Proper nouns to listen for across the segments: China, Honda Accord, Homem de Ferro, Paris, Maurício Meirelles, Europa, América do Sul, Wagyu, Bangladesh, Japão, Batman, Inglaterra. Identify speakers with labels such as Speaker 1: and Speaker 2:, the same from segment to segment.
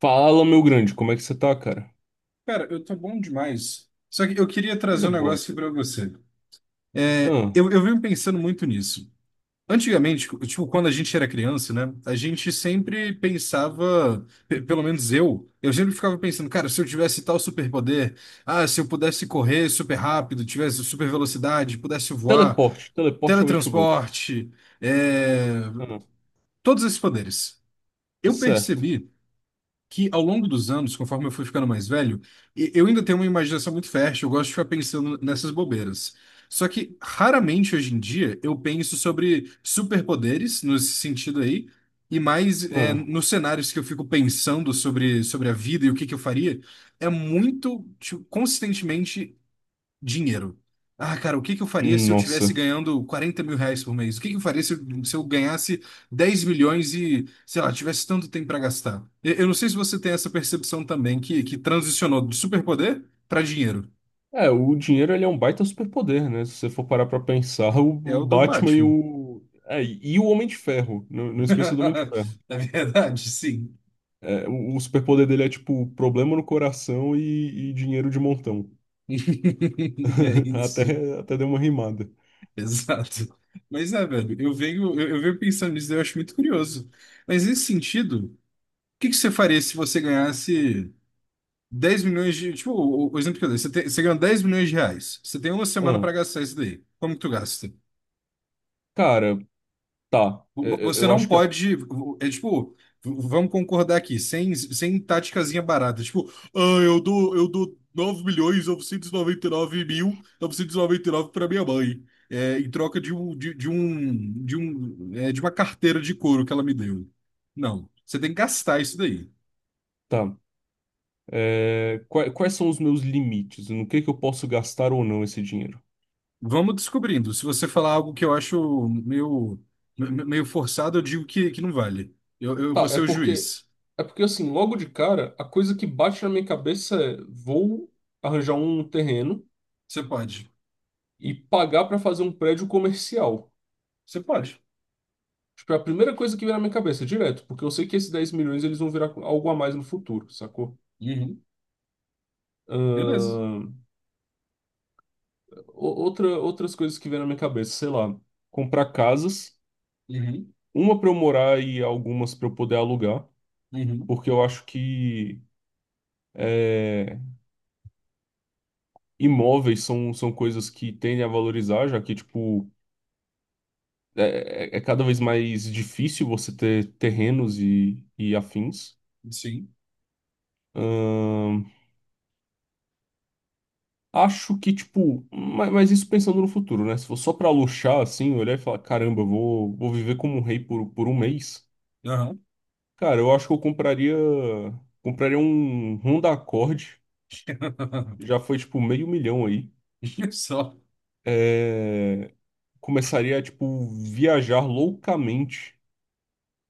Speaker 1: Fala, meu grande, como é que você tá, cara?
Speaker 2: Cara, eu tô bom demais. Só que eu queria trazer
Speaker 1: Coisa
Speaker 2: um
Speaker 1: boa.
Speaker 2: negócio aqui pra você. É,
Speaker 1: Ah,
Speaker 2: eu, eu venho pensando muito nisso. Antigamente, tipo, quando a gente era criança, né? A gente sempre pensava, pelo menos eu sempre ficava pensando, cara, se eu tivesse tal superpoder, ah, se eu pudesse correr super rápido, tivesse super velocidade, pudesse voar,
Speaker 1: teleporte, teleporte é o way to go.
Speaker 2: teletransporte, é,
Speaker 1: Ah,
Speaker 2: todos esses poderes.
Speaker 1: é
Speaker 2: Eu
Speaker 1: certo.
Speaker 2: percebi que ao longo dos anos, conforme eu fui ficando mais velho, eu ainda tenho uma imaginação muito fértil, eu gosto de ficar pensando nessas bobeiras. Só que raramente hoje em dia eu penso sobre superpoderes nesse sentido aí, e mais é,
Speaker 1: Ah,
Speaker 2: nos cenários que eu fico pensando sobre a vida e o que que eu faria, é muito tipo, consistentemente dinheiro. Ah, cara, o que que eu faria se eu
Speaker 1: nossa.
Speaker 2: tivesse ganhando R$ 40.000 por mês? O que que eu faria se eu ganhasse 10 milhões e, sei lá, tivesse tanto tempo para gastar? Eu não sei se você tem essa percepção também, que transicionou do superpoder para dinheiro.
Speaker 1: É, o dinheiro ele é um baita superpoder, né? Se você for parar pra pensar, o,
Speaker 2: É
Speaker 1: o
Speaker 2: o do
Speaker 1: Batman e
Speaker 2: Batman.
Speaker 1: o. É, e o Homem de Ferro. Não, não esqueça do Homem de Ferro.
Speaker 2: Na verdade, sim.
Speaker 1: É, o superpoder dele é tipo problema no coração e dinheiro de montão.
Speaker 2: É
Speaker 1: Até,
Speaker 2: isso.
Speaker 1: até deu uma rimada.
Speaker 2: Exato. Mas é, velho, eu venho pensando nisso, eu acho muito curioso. Mas nesse sentido, o que que você faria se você ganhasse 10 milhões de. Tipo, o exemplo que eu dei, você, tem, você ganha 10 milhões de reais. Você tem uma semana
Speaker 1: Ah,
Speaker 2: para gastar isso daí. Como que tu gasta?
Speaker 1: cara, tá.
Speaker 2: Você
Speaker 1: Eu
Speaker 2: não
Speaker 1: acho que
Speaker 2: pode. É tipo, vamos concordar aqui, sem táticazinha barata. Tipo, ah, eu dou 9 milhões e 99 mil e 99 para minha mãe. É, em troca de um, é, de uma carteira de couro que ela me deu. Não, você tem que gastar isso daí.
Speaker 1: tá. É, quais são os meus limites? No que eu posso gastar ou não esse dinheiro?
Speaker 2: Vamos descobrindo. Se você falar algo que eu acho meio forçado, eu digo que não vale. Eu vou
Speaker 1: Tá, é
Speaker 2: ser o
Speaker 1: porque
Speaker 2: juiz.
Speaker 1: é porque assim, logo de cara, a coisa que bate na minha cabeça é vou arranjar um terreno
Speaker 2: Você pode.
Speaker 1: e pagar pra fazer um prédio comercial.
Speaker 2: Você pode.
Speaker 1: Tipo, é a primeira coisa que vem na minha cabeça, direto, porque eu sei que esses 10 milhões eles vão virar algo a mais no futuro, sacou?
Speaker 2: Uhum. Beleza.
Speaker 1: Ahn, outras coisas que vem na minha cabeça, sei lá. Comprar casas,
Speaker 2: Uhum.
Speaker 1: uma para eu morar e algumas para eu poder alugar,
Speaker 2: Uhum.
Speaker 1: porque eu acho que É, imóveis são coisas que tendem a valorizar, já que, tipo, é cada vez mais difícil você ter terrenos e afins.
Speaker 2: Sim.
Speaker 1: Ahn, acho que, tipo, mas, isso pensando no futuro, né? Se for só pra luxar, assim, olhar e falar, caramba, eu vou viver como um rei por um mês.
Speaker 2: Aham.
Speaker 1: Cara, eu acho que eu compraria um Honda Accord, já foi, tipo, meio milhão aí.
Speaker 2: Só.
Speaker 1: É, começaria a, tipo, viajar loucamente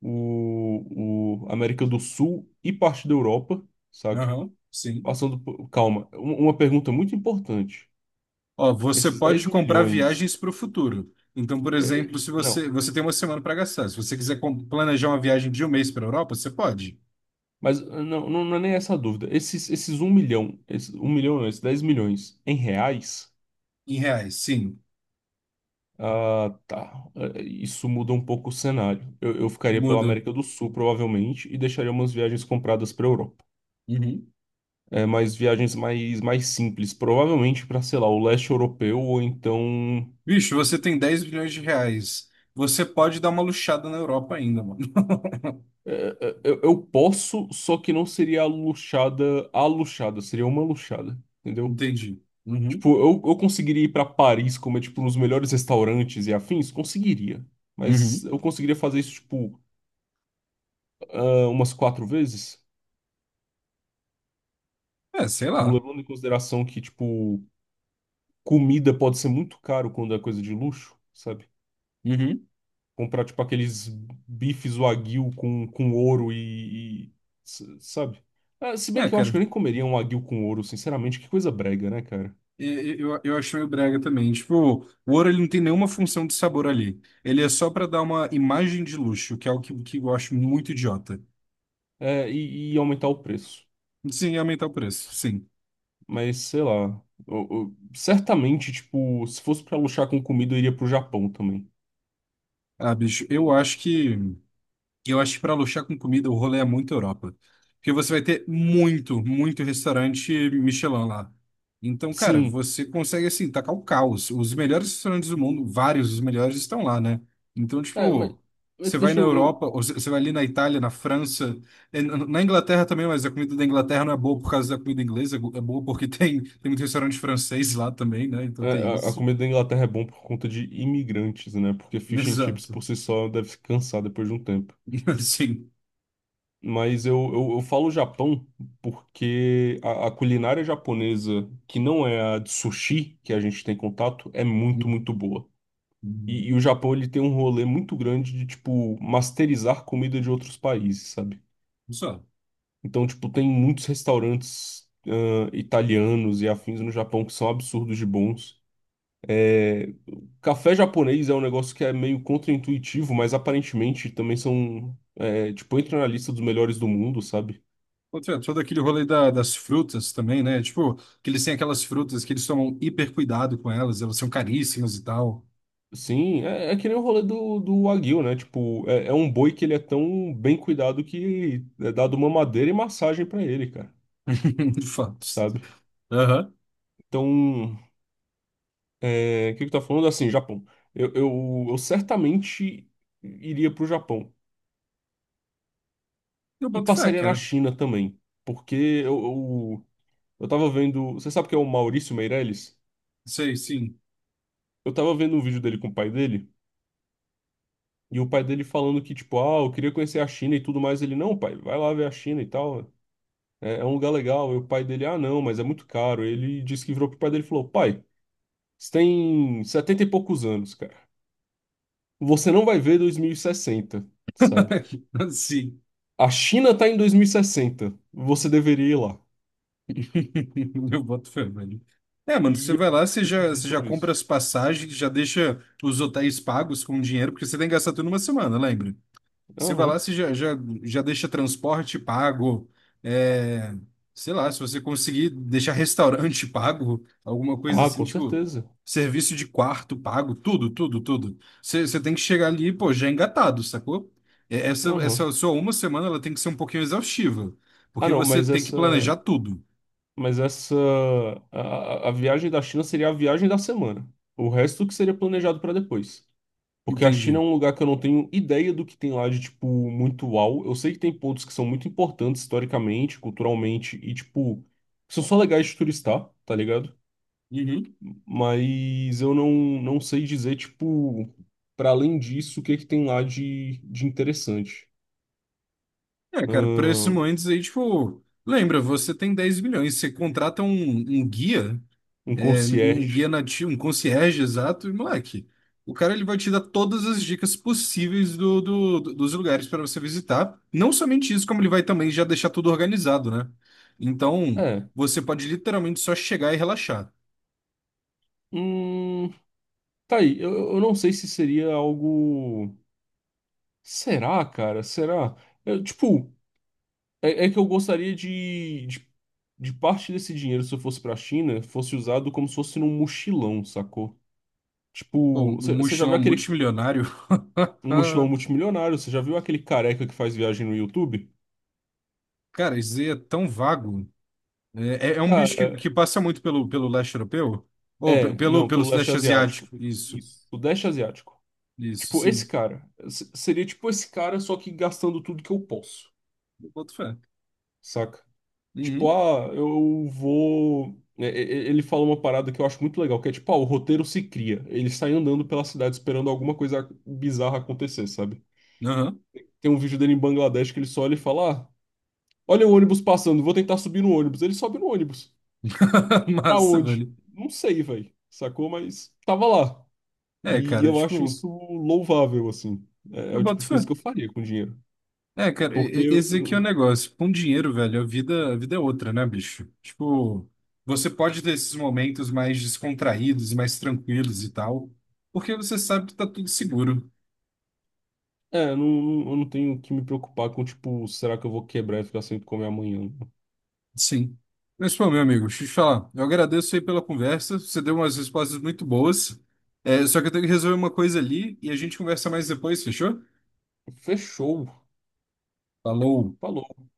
Speaker 1: o América do Sul e parte da Europa, saca?
Speaker 2: Aham. Sim.
Speaker 1: Passando por... Calma, uma pergunta muito importante.
Speaker 2: Ó, você
Speaker 1: Esses 10
Speaker 2: pode comprar
Speaker 1: milhões.
Speaker 2: viagens para o futuro. Então, por
Speaker 1: é, é,
Speaker 2: exemplo, se
Speaker 1: não,
Speaker 2: você, você tem uma semana para gastar. Se você quiser planejar uma viagem de um mês para a Europa, você pode.
Speaker 1: mas é, não, não, não é nem essa a dúvida. Esses 1 milhão, esses, 1 milhão não, esses 10 milhões em reais.
Speaker 2: Em reais, sim.
Speaker 1: Ah, tá. É, isso muda um pouco o cenário. Eu ficaria pela
Speaker 2: Muda.
Speaker 1: América do Sul, provavelmente, e deixaria umas viagens compradas para Europa.
Speaker 2: Uhum.
Speaker 1: É, mas viagens mais simples, provavelmente para, sei lá, o leste europeu ou então
Speaker 2: Bicho, você tem R$ 10 bilhões. Você pode dar uma luxada na Europa ainda, mano.
Speaker 1: Eu posso, só que não seria a luxada, seria uma luxada, entendeu?
Speaker 2: Entendi. Uhum.
Speaker 1: Tipo, eu conseguiria ir pra Paris comer, tipo, nos melhores restaurantes e afins? Conseguiria. Mas
Speaker 2: Uhum.
Speaker 1: eu conseguiria fazer isso, tipo, ah, umas quatro vezes?
Speaker 2: É, sei
Speaker 1: Tipo,
Speaker 2: lá.
Speaker 1: levando em consideração que, tipo, comida pode ser muito caro quando é coisa de luxo, sabe?
Speaker 2: Uhum.
Speaker 1: Comprar, tipo, aqueles bifes wagyu com ouro sabe? Ah, se bem
Speaker 2: É,
Speaker 1: que eu acho
Speaker 2: cara.
Speaker 1: que eu nem comeria um wagyu com ouro, sinceramente, que coisa brega, né, cara?
Speaker 2: Eu acho meio brega também. Tipo, o ouro ele não tem nenhuma função de sabor ali. Ele é só pra dar uma imagem de luxo, que é algo que eu acho muito idiota.
Speaker 1: E aumentar o preço.
Speaker 2: Sim, aumentar o preço. Sim.
Speaker 1: Mas sei lá. Certamente, tipo, se fosse pra luxar com comida, eu iria pro Japão também.
Speaker 2: Ah, bicho,
Speaker 1: Hum,
Speaker 2: eu acho que para luxar com comida, o rolê é muito Europa. Porque você vai ter muito restaurante Michelin lá. Então, cara,
Speaker 1: Sim.
Speaker 2: você consegue, assim, tacar o caos. Os melhores restaurantes do mundo, vários dos melhores, estão lá, né? Então,
Speaker 1: É, mas,
Speaker 2: tipo, você
Speaker 1: mas
Speaker 2: vai
Speaker 1: deixa
Speaker 2: na
Speaker 1: eu.
Speaker 2: Europa, ou você vai ali na Itália, na França, eh, na Inglaterra também, mas a comida da Inglaterra não é boa por causa da comida inglesa, é boa porque tem muito restaurante francês lá também, né? Então tem
Speaker 1: A
Speaker 2: isso.
Speaker 1: comida da Inglaterra é bom por conta de imigrantes, né? Porque fish and chips
Speaker 2: Exato.
Speaker 1: por si só deve cansar depois de um tempo.
Speaker 2: Assim.
Speaker 1: Mas eu falo Japão porque a culinária japonesa, que não é a de sushi que a gente tem contato, é muito,
Speaker 2: Uhum.
Speaker 1: muito boa.
Speaker 2: Uhum.
Speaker 1: E o Japão, ele tem um rolê muito grande de, tipo, masterizar comida de outros países, sabe?
Speaker 2: Só.
Speaker 1: Então, tipo, tem muitos restaurantes, italianos e afins no Japão que são absurdos de bons. É, o café japonês é um negócio que é meio contraintuitivo, mas aparentemente também são, é, tipo, entra na lista dos melhores do mundo, sabe?
Speaker 2: Ô, Trento, todo aquele rolê das frutas também, né? Tipo, que eles têm aquelas frutas que eles tomam hiper cuidado com elas, elas são caríssimas e tal.
Speaker 1: Sim, é que nem o rolê do Wagyu, né? Tipo, é um boi que ele é tão bem cuidado que é dado uma madeira e massagem pra ele, cara,
Speaker 2: De fato.
Speaker 1: sabe?
Speaker 2: Aham.
Speaker 1: Então, o que que tá falando? Assim, Japão. Eu certamente iria pro Japão.
Speaker 2: Eu
Speaker 1: E
Speaker 2: boto fé,
Speaker 1: passaria na
Speaker 2: cara.
Speaker 1: China também. Porque eu, eu, eu tava vendo. Você sabe que é o Maurício Meirelles?
Speaker 2: Sei, sim.
Speaker 1: Eu tava vendo um vídeo dele com o pai dele. E o pai dele falando que, tipo, ah, eu queria conhecer a China e tudo mais. Ele, não, pai, vai lá ver a China e tal. É um lugar legal. E o pai dele, ah, não, mas é muito caro. Ele disse que virou pro pai dele e falou: pai, você tem 70 e poucos anos, cara. Você não vai ver 2060, sabe?
Speaker 2: Sim.
Speaker 1: A China está em 2060. Você deveria ir lá.
Speaker 2: Eu boto fé, velho. É, mano, você
Speaker 1: E
Speaker 2: vai
Speaker 1: eu
Speaker 2: lá,
Speaker 1: fiquei pensando
Speaker 2: você já
Speaker 1: sobre
Speaker 2: compra
Speaker 1: isso.
Speaker 2: as passagens, já deixa os hotéis pagos com dinheiro, porque você tem que gastar tudo numa semana, lembra? Você vai lá,
Speaker 1: Aham.
Speaker 2: já deixa transporte pago, é, sei lá, se você conseguir deixar restaurante pago, alguma coisa
Speaker 1: Ah,
Speaker 2: assim,
Speaker 1: com
Speaker 2: tipo,
Speaker 1: certeza.
Speaker 2: serviço de quarto pago, tudo, tudo, tudo. Você tem que chegar ali, pô, já engatado, sacou? É,
Speaker 1: Aham.
Speaker 2: essa sua uma semana, ela tem que ser um pouquinho exaustiva,
Speaker 1: Ah,
Speaker 2: porque
Speaker 1: não,
Speaker 2: você
Speaker 1: mas
Speaker 2: tem que
Speaker 1: essa.
Speaker 2: planejar tudo,
Speaker 1: Mas essa. A, a viagem da China seria a viagem da semana. O resto que seria planejado para depois. Porque a China é
Speaker 2: entendi.
Speaker 1: um lugar que eu não tenho ideia do que tem lá de, tipo, muito uau. Eu sei que tem pontos que são muito importantes historicamente, culturalmente, e, tipo, são só legais de turistar, tá ligado?
Speaker 2: Uhum.
Speaker 1: Mas eu não, não sei dizer, tipo, para além disso, o que que tem lá de interessante.
Speaker 2: É, cara, para esses
Speaker 1: Ahn,
Speaker 2: momentos aí, tipo, lembra, você tem 10 milhões, você contrata um, um guia.
Speaker 1: um
Speaker 2: Um
Speaker 1: concierge.
Speaker 2: guia nativo, um concierge exato, e moleque, o cara ele vai te dar todas as dicas possíveis dos lugares para você visitar. Não somente isso, como ele vai também já deixar tudo organizado, né? Então,
Speaker 1: É.
Speaker 2: você pode literalmente só chegar e relaxar.
Speaker 1: Hum, tá aí. Eu não sei se seria algo. Será, cara? Será? Eu, tipo, é que eu gostaria de parte desse dinheiro, se eu fosse pra China, fosse usado como se fosse num mochilão, sacou?
Speaker 2: Pô,
Speaker 1: Tipo,
Speaker 2: um
Speaker 1: você já viu
Speaker 2: mochilão
Speaker 1: aquele
Speaker 2: multimilionário.
Speaker 1: um mochilão multimilionário? Você já viu aquele careca que faz viagem no YouTube?
Speaker 2: Cara, isso aí é tão vago. É, é um bicho
Speaker 1: Cara.
Speaker 2: que passa muito pelo leste europeu? Ou
Speaker 1: É, não,
Speaker 2: pelo
Speaker 1: pelo leste
Speaker 2: sudeste
Speaker 1: asiático.
Speaker 2: asiático? Isso,
Speaker 1: Isso. O leste asiático.
Speaker 2: isso,
Speaker 1: Tipo, esse
Speaker 2: sim.
Speaker 1: cara. Seria tipo esse cara, só que gastando tudo que eu posso,
Speaker 2: Eu boto fé.
Speaker 1: saca? Tipo,
Speaker 2: Uhum.
Speaker 1: ah, eu vou. Ele fala uma parada que eu acho muito legal, que é tipo, ah, o roteiro se cria. Ele sai andando pela cidade esperando alguma coisa bizarra acontecer, sabe?
Speaker 2: Aham.
Speaker 1: Tem um vídeo dele em Bangladesh que ele só olha e fala: ah, olha o ônibus passando, vou tentar subir no ônibus. Ele sobe no ônibus. Pra
Speaker 2: Massa,
Speaker 1: onde?
Speaker 2: velho.
Speaker 1: Não sei, velho. Sacou? Mas tava lá.
Speaker 2: É,
Speaker 1: E
Speaker 2: cara,
Speaker 1: eu acho
Speaker 2: tipo,
Speaker 1: isso louvável, assim. É, é
Speaker 2: eu
Speaker 1: o tipo
Speaker 2: boto
Speaker 1: de
Speaker 2: fé.
Speaker 1: coisa que eu faria com dinheiro.
Speaker 2: É, cara,
Speaker 1: Porque
Speaker 2: esse aqui é o negócio. Com dinheiro, velho, a vida é outra, né, bicho? Tipo, você pode ter esses momentos mais descontraídos, mais tranquilos e tal, porque você sabe que tá tudo seguro.
Speaker 1: eu não, eu não tenho que me preocupar com, tipo, será que eu vou quebrar e ficar sem comer amanhã?
Speaker 2: Sim. Mas, pô, meu amigo, deixa eu te falar. Eu agradeço aí pela conversa. Você deu umas respostas muito boas. É, só que eu tenho que resolver uma coisa ali e a gente conversa mais depois, fechou?
Speaker 1: Fechou.
Speaker 2: Falou.
Speaker 1: Falou.